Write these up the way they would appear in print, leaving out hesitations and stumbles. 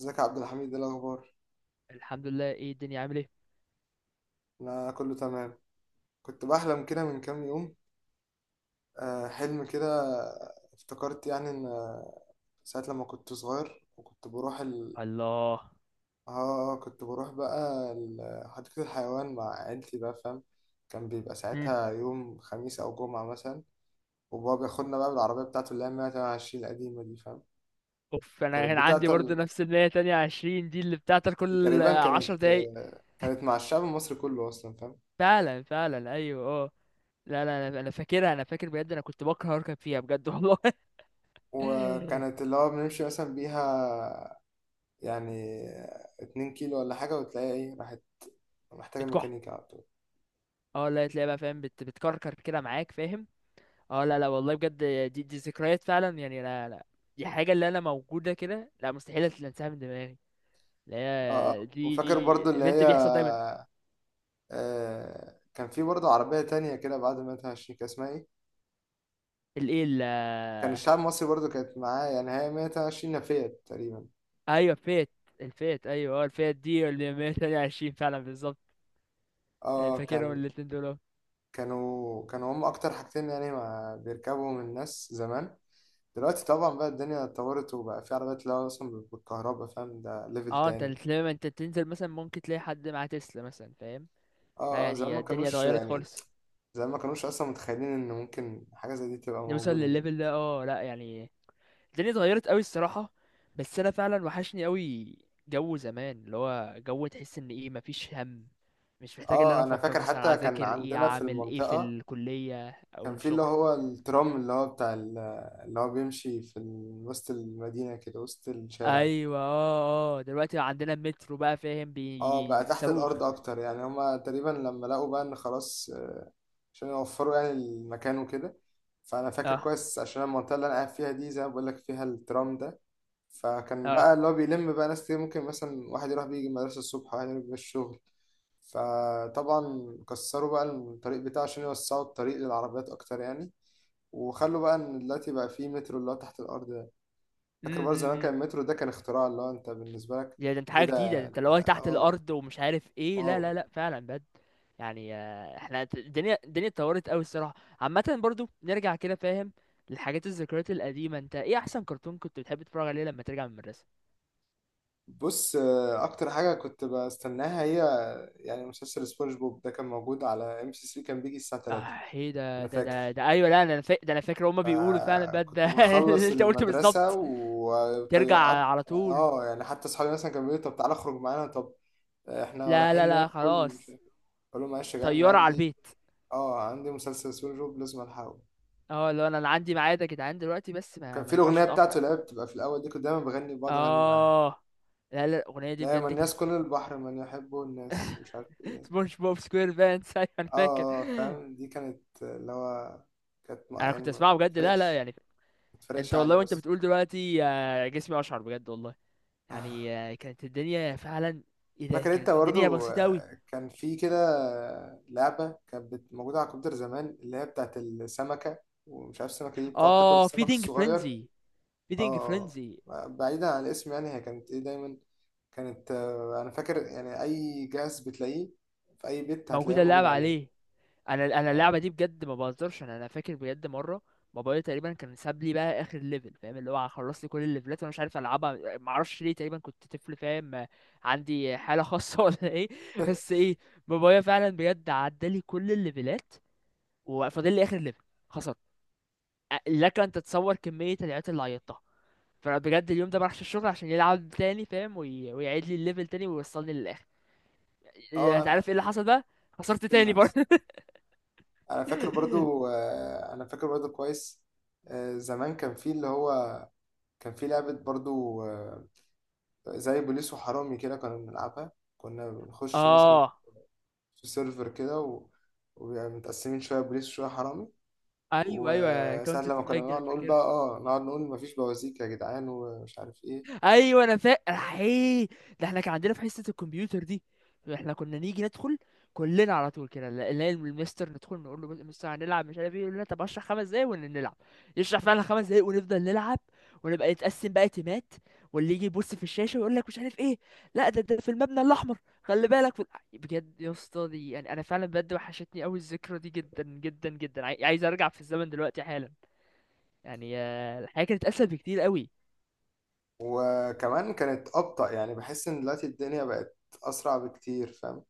ازيك يا عبد الحميد؟ ايه الاخبار؟ الحمد لله، ايه الدنيا عامل ايه؟ انا كله تمام. كنت بحلم كده من كام يوم. حلم كده. افتكرت يعني ان ساعة لما كنت صغير وكنت بروح الله. اه كنت بروح بقى حديقة الحيوان مع عيلتي بقى، فاهم؟ كان بيبقى مم. ساعتها يوم خميس او جمعة مثلا. وبابا بياخدنا بقى بالعربية بتاعته اللي هي 128 القديمة دي، فاهم؟ اوف، انا كانت كان عندي برضه بتاعته نفس اللي هي تانية عشرين دي اللي بتاعتك كل تقريبا، عشر كانت دقايق كانت مع الشعب المصري كله اصلا، فاهم؟ فعلا فعلا، ايوه اه. لا لا، أنا فاكرها، انا فاكر بجد، انا كنت بكره اركب فيها بجد والله. وكانت اللي هو بنمشي مثلا بيها يعني اتنين كيلو ولا حاجة وتلاقيها ايه، راحت، محتاجة بتكح. ميكانيكا على طول. اه لا، تلاقي بقى فاهم، بتكركر كده معاك فاهم. اه لا لا والله بجد. دي ذكريات فعلا يعني، لا لا، دي حاجة اللي انا موجودة كده، لا مستحيل انساها من دماغي، اه آه. لا وفاكر برضو دي اللي ايفنت هي، بيحصل دايما. كان في برضو عربية تانية كده بعد 122، كان اسمها ايه؟ كان الايه؟ الشعب المصري برضو كانت معاه، يعني هي 122 نفيت تقريبا. ايوه فيت. الفيت، ايوه اه، الفيت دي اللي 128 فعلا بالظبط. أنا اه فاكرهم كان الاتنين دول أهو. كانوا هم اكتر حاجتين يعني ما بيركبهم الناس زمان. دلوقتي طبعا بقى الدنيا اتطورت وبقى في عربيات اللي هو اصلا بالكهرباء، فاهم؟ ده ليفل اه، انت تاني. لما انت تنزل مثلا ممكن تلاقي حد مع تسلا مثلا فاهم. لا زمان يعني ما الدنيا كانوش اتغيرت يعني خالص، زي ما كانوش اصلا متخيلين ان ممكن حاجه زي دي تبقى نوصل موجوده. للليفل ده، اه لا يعني الدنيا اتغيرت قوي الصراحة. بس انا فعلا وحشني قوي جو زمان، اللي هو جو تحس ان ايه مفيش هم، مش محتاج ان اه انا انا افكر فاكر مثلا حتى كان اذاكر ايه عندنا في اعمل ايه في المنطقة الكلية او كان في اللي الشغل. هو الترام اللي هو بتاع اللي هو بيمشي في وسط المدينة، كده وسط الشارع. ايوه اه اه، دلوقتي عندنا المترو بقى فاهم اه بقى تحت بيصاروخ. الأرض أكتر، يعني هما تقريبا لما لقوا بقى إن خلاص، عشان يوفروا يعني المكان وكده. فأنا فاكر اه كويس، عشان المنطقة اللي أنا قاعد فيها دي زي ما بقولك فيها الترام ده. فكان بقى اه. اللي هو بيلم بقى ناس كتير، ممكن مثلا واحد يروح بيجي المدرسة الصبح وواحد يروح بيه الشغل. فطبعا كسروا بقى الطريق بتاعه عشان يوسعوا الطريق للعربيات أكتر يعني، وخلوا بقى ان دلوقتي بقى فيه مترو اللي هو تحت الارض ده. فاكر برضه زمان كان امم المترو ده كان اختراع اللي هو انت بالنسبه لك ده انت ايه حاجه جديده، ده ده؟ انت انت لو تحت اه، الارض ومش عارف ايه، واو. لا لا لا فعلا بجد. يعني احنا الدنيا اتطورت قوي الصراحه. عامه برضو نرجع كده فاهم للحاجات الذكريات القديمه. انت ايه احسن كرتون كنت بتحب تتفرج عليه لما ترجع من المدرسه؟ بص، اكتر حاجه كنت بستناها هي يعني مسلسل سبونج بوب ده، كان موجود على ام سي 3، كان بيجي الساعه 3. اه، ايه ده انا ده فاكر، ده ده ايوه، لا ده انا فاكر، هما بيقولوا فعلا بجد ده. فكنت اللي بخلص انت قلته المدرسه بالظبط، ترجع وطيقت. على طول. اه، يعني حتى اصحابي مثلا كانوا بيقولوا: طب تعالى اخرج معانا، طب احنا لا لا رايحين لا ناكل، مش خلاص، عارف إيه. اقول لهم: معلش يا جدعان، أنا طياره على عندي، البيت. اه، عندي مسلسل سبونج بوب لازم الحقه. اه، لو انا عندي ميعاد يا جدعان دلوقتي، بس وكان في ما ينفعش الأغنية بتاعته اتاخر. اللي هي بتبقى في الأول دي، كنت دايما بغني، بقعد أغني معاه: اه لا لا، الاغنيه دي لا يا من بجد كانت. الناس كل البحر من يحبه الناس مش عارف إيه. سبونج بوب سكوير بانس، ايوه. انا فاكر. فاهم؟ دي كانت اللي هو كانت انا يعني كنت اسمعها بجد، لا لا بتفرقش يعني. ما انت بتفرقش والله عالي وانت أصلا. بتقول دلوقتي جسمي اشعر بجد والله. يعني كانت الدنيا فعلا، ايه ده، فاكر أنت كانت الدنيا برضه، بسيطه قوي. كان في كده، لعبة كانت موجودة على الكمبيوتر زمان، اللي هي بتاعت السمكة، ومش عارف، السمكة دي بتقعد تاكل اه السمك فيدينج الصغير. فرينزي، فيدينج اه فرينزي. بعيدا عن الاسم، يعني هي كانت ايه دايما، كانت، انا فاكر يعني اي جهاز بتلاقيه في اي بيت هتلاقيه موجوده موجود اللعبه عليه. عليه. انا اه. اللعبه دي بجد ما بهزرش، انا فاكر بجد مره، بابايا تقريبا كان ساب لي بقى اخر ليفل فاهم، اللي هو خلص لي كل الليفلات وانا مش عارف العبها، ما اعرفش ليه، تقريبا كنت طفل فاهم. عندي حاله خاصه ولا ايه؟ بس ايه؟ بابايا فعلا بجد عدى لي كل الليفلات، وفاضل لي اخر ليفل، خسرت. لك ان تتصور كميه العياط اللي عيطتها. فانا بجد اليوم ده ما راحش الشغل عشان يلعب تاني فاهم، ويعيد لي الليفل تاني ويوصلني للاخر. اه انت انا عارف ايه اللي حصل بقى؟ خسرت تاني الجهاز. برضه. انا فاكر برضو، انا فاكر برضو كويس، زمان كان في اللي هو كان في لعبة برضو، زي بوليس وحرامي كده كنا بنلعبها. كنا بنخش مثلا اه، في سيرفر كده وبيبقى متقسمين شوية بوليس وشوية حرامي. ايوه ايوه وساعة كاونتر لما كنا سترايك دي، نقعد انا نقول بقى: فاكرها. اه نقعد نقول مفيش بوازيك يا جدعان، ومش عارف ايه. ايوه انا فاكر، ايه ده، احنا كان عندنا في حصه الكمبيوتر دي، احنا كنا نيجي ندخل كلنا على طول كده، نلاقي المستر، ندخل نقول له مستر هنلعب مش عارف ايه، يقول لنا طب اشرح 5 دقايق ونلعب، يشرح فعلا 5 دقايق ونفضل نلعب، ونبقى نتقسم بقى تيمات، واللي يجي يبص في الشاشه ويقول لك مش عارف ايه، لا ده في المبنى الاحمر، خلي بالك بجد يا اسطى. دي يعني انا فعلا بجد وحشتني قوي الذكرى دي، جدا جدا جدا، عايز ارجع في الزمن دلوقتي حالا. يعني الحياة كانت اسهل بكتير قوي. وكمان كانت أبطأ، يعني بحس إن دلوقتي الدنيا بقت أسرع بكتير، فاهم؟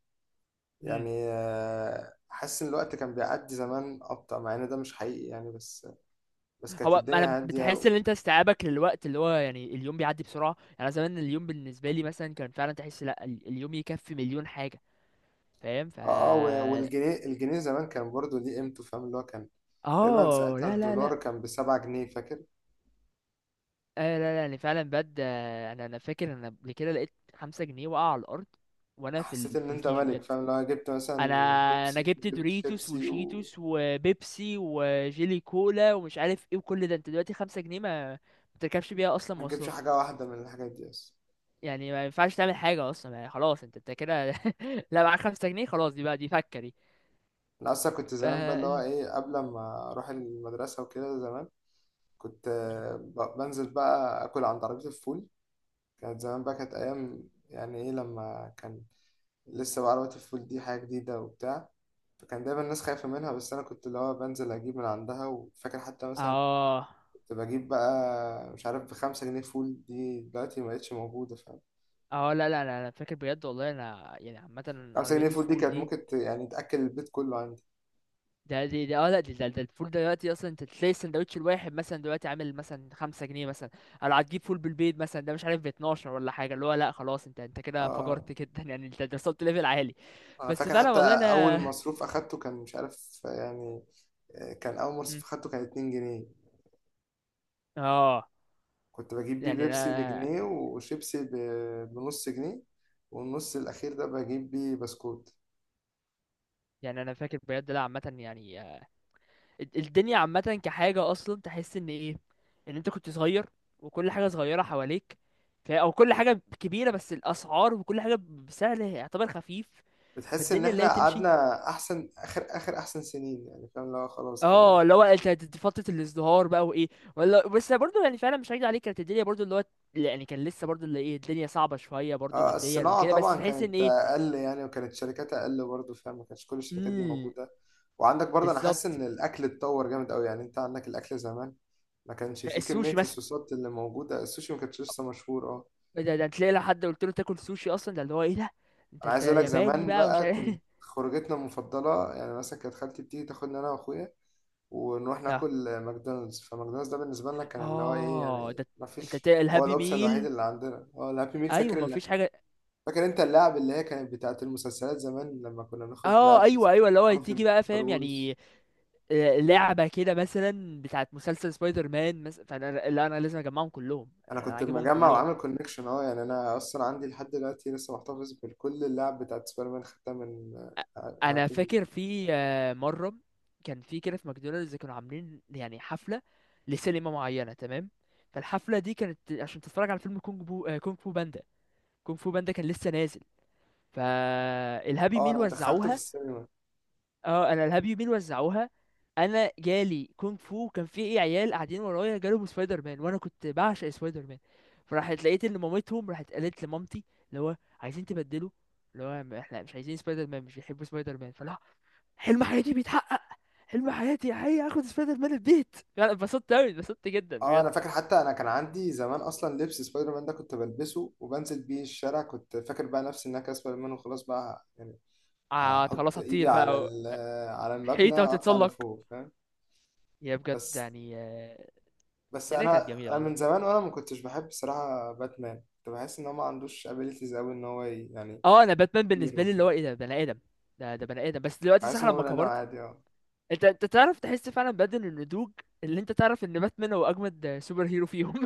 امم يعني حاسس إن الوقت كان بيعدي زمان أبطأ، مع إن ده مش حقيقي يعني، بس بس كانت هو الدنيا انا هادية بتحس ان انت استيعابك للوقت اللي هو، يعني اليوم بيعدي بسرعه. يعني انا زمان اليوم بالنسبه لي مثلا كان فعلا تحس لا، اليوم يكفي مليون حاجه فاهم. اه اه والجنيه زمان كان برضو ليه قيمته، فاهم؟ اللي هو كان، تقريبا اه ساعتها لا لا الدولار لا. كان بسبعة جنيه، فاكر؟ آه لا لا يعني فعلا بجد. انا فاكر انا قبل كده لقيت 5 جنيه وقع على الارض، وانا حسيت إن في أنت الكيجي ملك، بجد. فاهم؟ لو جبت مثلا انا انا بيبسي، جبت جبت دوريتوس شيبسي. وشيتوس وبيبسي وجيلي كولا ومش عارف ايه، وكل ده انت دلوقتي 5 جنيه ما تركبش بيها اصلا ما تجيبش مواصلات، حاجة واحدة من الحاجات دي أصلا. يعني ما ينفعش تعمل حاجة أصلا، يعني خلاص أنت كده. لا، معاك 5 جنيه خلاص، دي بقى دي فكة دي. أنا أصلا كنت ف- زمان بقى اللي هو إيه، قبل ما أروح المدرسة وكده زمان، كنت، بنزل بقى آكل عند عربية الفول. كانت زمان بقى كانت أيام، يعني إيه، لما كان لسه بقى عربية الفول دي حاجة جديدة وبتاع، فكان دايما الناس خايفة منها، بس أنا كنت اللي هو بنزل أجيب من عندها. وفاكر حتى مثلا اه كنت بجيب بقى، مش عارف، بخمسة جنيه فول. دي دلوقتي مبقتش موجودة، فاهم؟ اه لا لا لا، أنا فاكر بجد والله، أنا يعني عامة خمسة جنيه عربيات فول دي الفول كانت دي، ممكن يعني تأكل البيت كله عندي. ده اه لا ده الفول دلوقتي أصلا، أنت تلاقي السندوتش الواحد مثلا دلوقتي عامل مثلا 5 جنيه مثلا، أو لو هتجيب فول بالبيض مثلا، ده مش عارف 12 ولا حاجة، اللي هو لا خلاص، أنت كده اه فجرت جدا. يعني أنت وصلت ليفل عالي. انا بس فاكر فعلا حتى والله اول أنا. مصروف اخدته كان، مش عارف يعني، كان اول مصروف اخدته كان 2 جنيه. اه كنت بجيب بيه يعني بيبسي انا بجنيه، وشيبسي بنص جنيه، والنص الاخير ده بجيب بيه بسكوت. فاكر بجد، لا عامه يعني. الدنيا عامة كحاجة أصلا تحس إن إيه، إن أنت كنت صغير، وكل حاجة صغيرة حواليك، أو كل حاجة كبيرة، بس الأسعار وكل حاجة بسعر يعتبر خفيف، بتحس ان فالدنيا اللي احنا هي تمشي. قعدنا احسن اخر، احسن سنين يعني، فاهم؟ اللي هو خلاص كده. اه، اللي هو انت فترة الازدهار بقى وايه، ولا بس برضه يعني فعلا مش هكدب عليك، كانت الدنيا برضه اللي هو، يعني كان لسه برضه اللي ايه، الدنيا صعبة شوية برضه ماديا الصناعة وكده، بس طبعا تحس ان كانت ايه. أقل يعني، وكانت شركاتها أقل برضه، فاهم؟ ما كانش كل الشركات دي امم، موجودة. وعندك برضه، أنا حاسس إن بالظبط، الأكل اتطور جامد أوي، يعني أنت عندك الأكل زمان ما كانش فيه كمية السوشي مثلا، الصوصات اللي موجودة. السوشي ما كانش لسه مشهور. أه، ده تلاقي لو حد قلت له تاكل سوشي اصلا، ده اللي هو ايه ده، انت أنا انت عايز أقول لك، ياباني زمان بقى ومش بقى عارف. كنت خروجتنا المفضلة يعني، مثلا كانت خالتي بتيجي تاخدنا أنا وأخويا ونروح ناكل ماكدونالدز. فماكدونالدز ده بالنسبة لنا كان اللي هو إيه اه يعني، ده، ما انت فيش، هو الهابي الأوبشن الوحيد ميل، اللي عندنا هو الهابي ميل، ايوه ما فاكر؟ فيش حاجه. فاكر انت اللعب اللي هي كانت بتاعت المسلسلات زمان لما كنا بناخد اه لعب ايوه مثلا، ايوه، اللي هو مارفل، تيجي بقى ستار فاهم يعني وورز. لعبه كده مثلا بتاعت مسلسل سبايدر مان مثلا، فانا لا انا لازم اجمعهم كلهم، انا انا كنت عاجبهم مجمع كلهم. وعامل كونكشن، اه، يعني انا اصلا عندي لحد دلوقتي لسه محتفظ بكل اللعب بتاعت سبايدر مان، خدتها من، انا هابي ميل. فاكر في مره كان في كده، في ماكدونالدز كانوا عاملين يعني حفله لسينما معينه تمام. فالحفله دي كانت عشان تتفرج على فيلم كونج بو آه، كونج فو باندا. كونج فو باندا كان لسه نازل، فالهابي اه ميل انا دخلته في وزعوها. السينما. اه انا الهاب يومين وزعوها، انا جالي كونغ فو، كان في ايه عيال قاعدين ورايا جالهم سبايدر مان، وانا كنت بعشق سبايدر مان. فراحت لقيت ان مامتهم راحت قالت لمامتي، اللي هو عايزين تبدلوا، اللي هو احنا مش عايزين سبايدر مان، مش بيحبوا سبايدر مان، فلا، حلم حياتي بيتحقق، حلم حياتي هي اخد سبايدر مان البيت، يعني اتبسطت قوي، اتبسطت جدا اه بجد. انا فاكر حتى، انا كان عندي زمان اصلا لبس سبايدر مان ده، كنت بلبسه وبنزل بيه الشارع، كنت فاكر بقى نفسي ان انا كده سبايدر مان وخلاص بقى يعني. آه هحط خلاص ايدي هتطير على بقى على المبنى حيطه اطلع وتتسلق. لفوق، فاهم؟ يا بجد بس، يعني. بس الدنيا كانت انا جميله من والله. زمان وانا ما كنتش بحب بصراحه باتمان. كنت بحس ان هو ما عندوش ابيليتيز قوي، ان هو يعني اه انا باتمان بالنسبه هيرو لي اللي كده. هو ايه، ده بني ادم، ده بني ادم، بس دلوقتي بحس صح ان هو لما بني ادم كبرت، عادي. اه انت تعرف تحس فعلا بدل النضوج، اللي انت تعرف ان باتمان هو اجمد سوبر هيرو فيهم.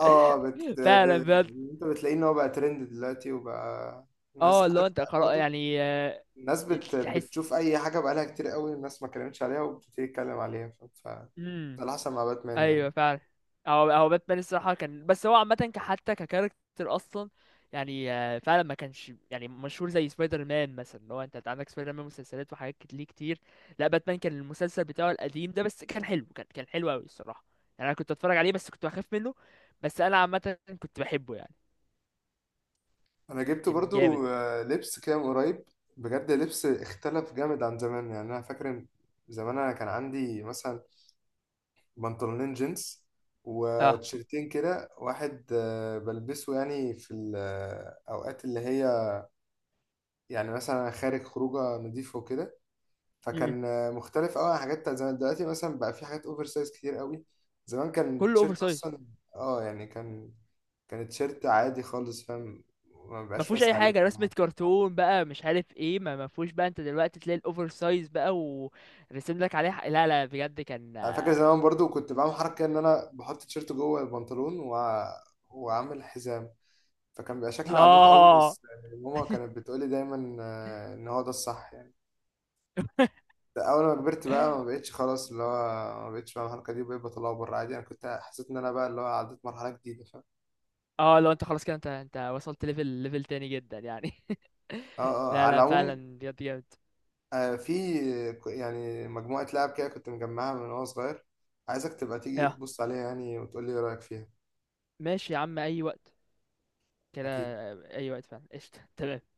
اه بت... ب... فعلا بجد. انت بتلاقيه ان هو بقى ترند دلوقتي، وبقى الناس اه اللي هو عارف. انت خلاص برضه يعني. الناس تحس. بتشوف اي حاجه بقالها كتير قوي الناس ما اتكلمتش عليها وبتبتدي تتكلم عليها ده مم. اللي حصل مع باتمان يعني. ايوه فعلا. هو باتمان الصراحه كان، بس هو عامه حتى ككاركتر اصلا، يعني فعلا ما كانش يعني مشهور زي سبايدر مان مثلا، اللي هو انت عندك سبايدر مان مسلسلات وحاجات ليه كتير. لا باتمان كان المسلسل بتاعه القديم ده، بس كان حلو، كان حلو قوي الصراحه، يعني انا كنت اتفرج عليه، بس كنت بخاف منه، بس انا عامه كنت بحبه يعني، انا جبت كان جامد. برضو، لبس كده من قريب. بجد لبس اختلف جامد عن زمان. يعني انا فاكر إن زمان انا كان عندي مثلا بنطلونين جينز اه وتيشيرتين كده، واحد بلبسه يعني في الأوقات اللي هي يعني مثلا خارج خروجه نضيفه وكده. م- م. فكان مختلف قوي عن حاجات بتاعت زمان. دلوقتي مثلا بقى في حاجات اوفر سايز كتير قوي. زمان كان كله اوفر تيشيرت سايز. اصلا، اه يعني كان، كان تيشيرت عادي خالص، فاهم؟ ما ما بيبقاش فيهوش واسع اي حاجه عليك ولا رسمه حاجه. كرتون بقى مش عارف ايه، ما فيهوش بقى، انت دلوقتي تلاقي الاوفر سايز بقى ورسم لك عليه، لا لا بجد كان. انا فاكر زمان برضو كنت بعمل حركه ان انا بحط تيشيرت جوه البنطلون واعمل حزام، فكان بيبقى شكلي عبيط قوي. اه. بس ماما كانت بتقولي دايما، ان هو ده الصح يعني. اول ما كبرت بقى ما بقتش خلاص اللي هو ما بقتش، فاهم؟ الحركه دي بقيت بطلعه بره عادي. انا كنت حسيت ان انا بقى اللي هو عديت مرحله جديده، فاهم؟ اه لو انت خلاص كده، انت وصلت ليفل تاني جدا يعني. اه اه، لا على لا العموم، فعلا بجد جامد. في يعني مجموعه لعب كده كنت مجمعها من وانا صغير، عايزك تبقى تيجي اه تبص عليها يعني، وتقول لي ايه رايك فيها. ماشي يا عم اي وقت كده، اكيد. اي وقت فعلا قشطه تمام.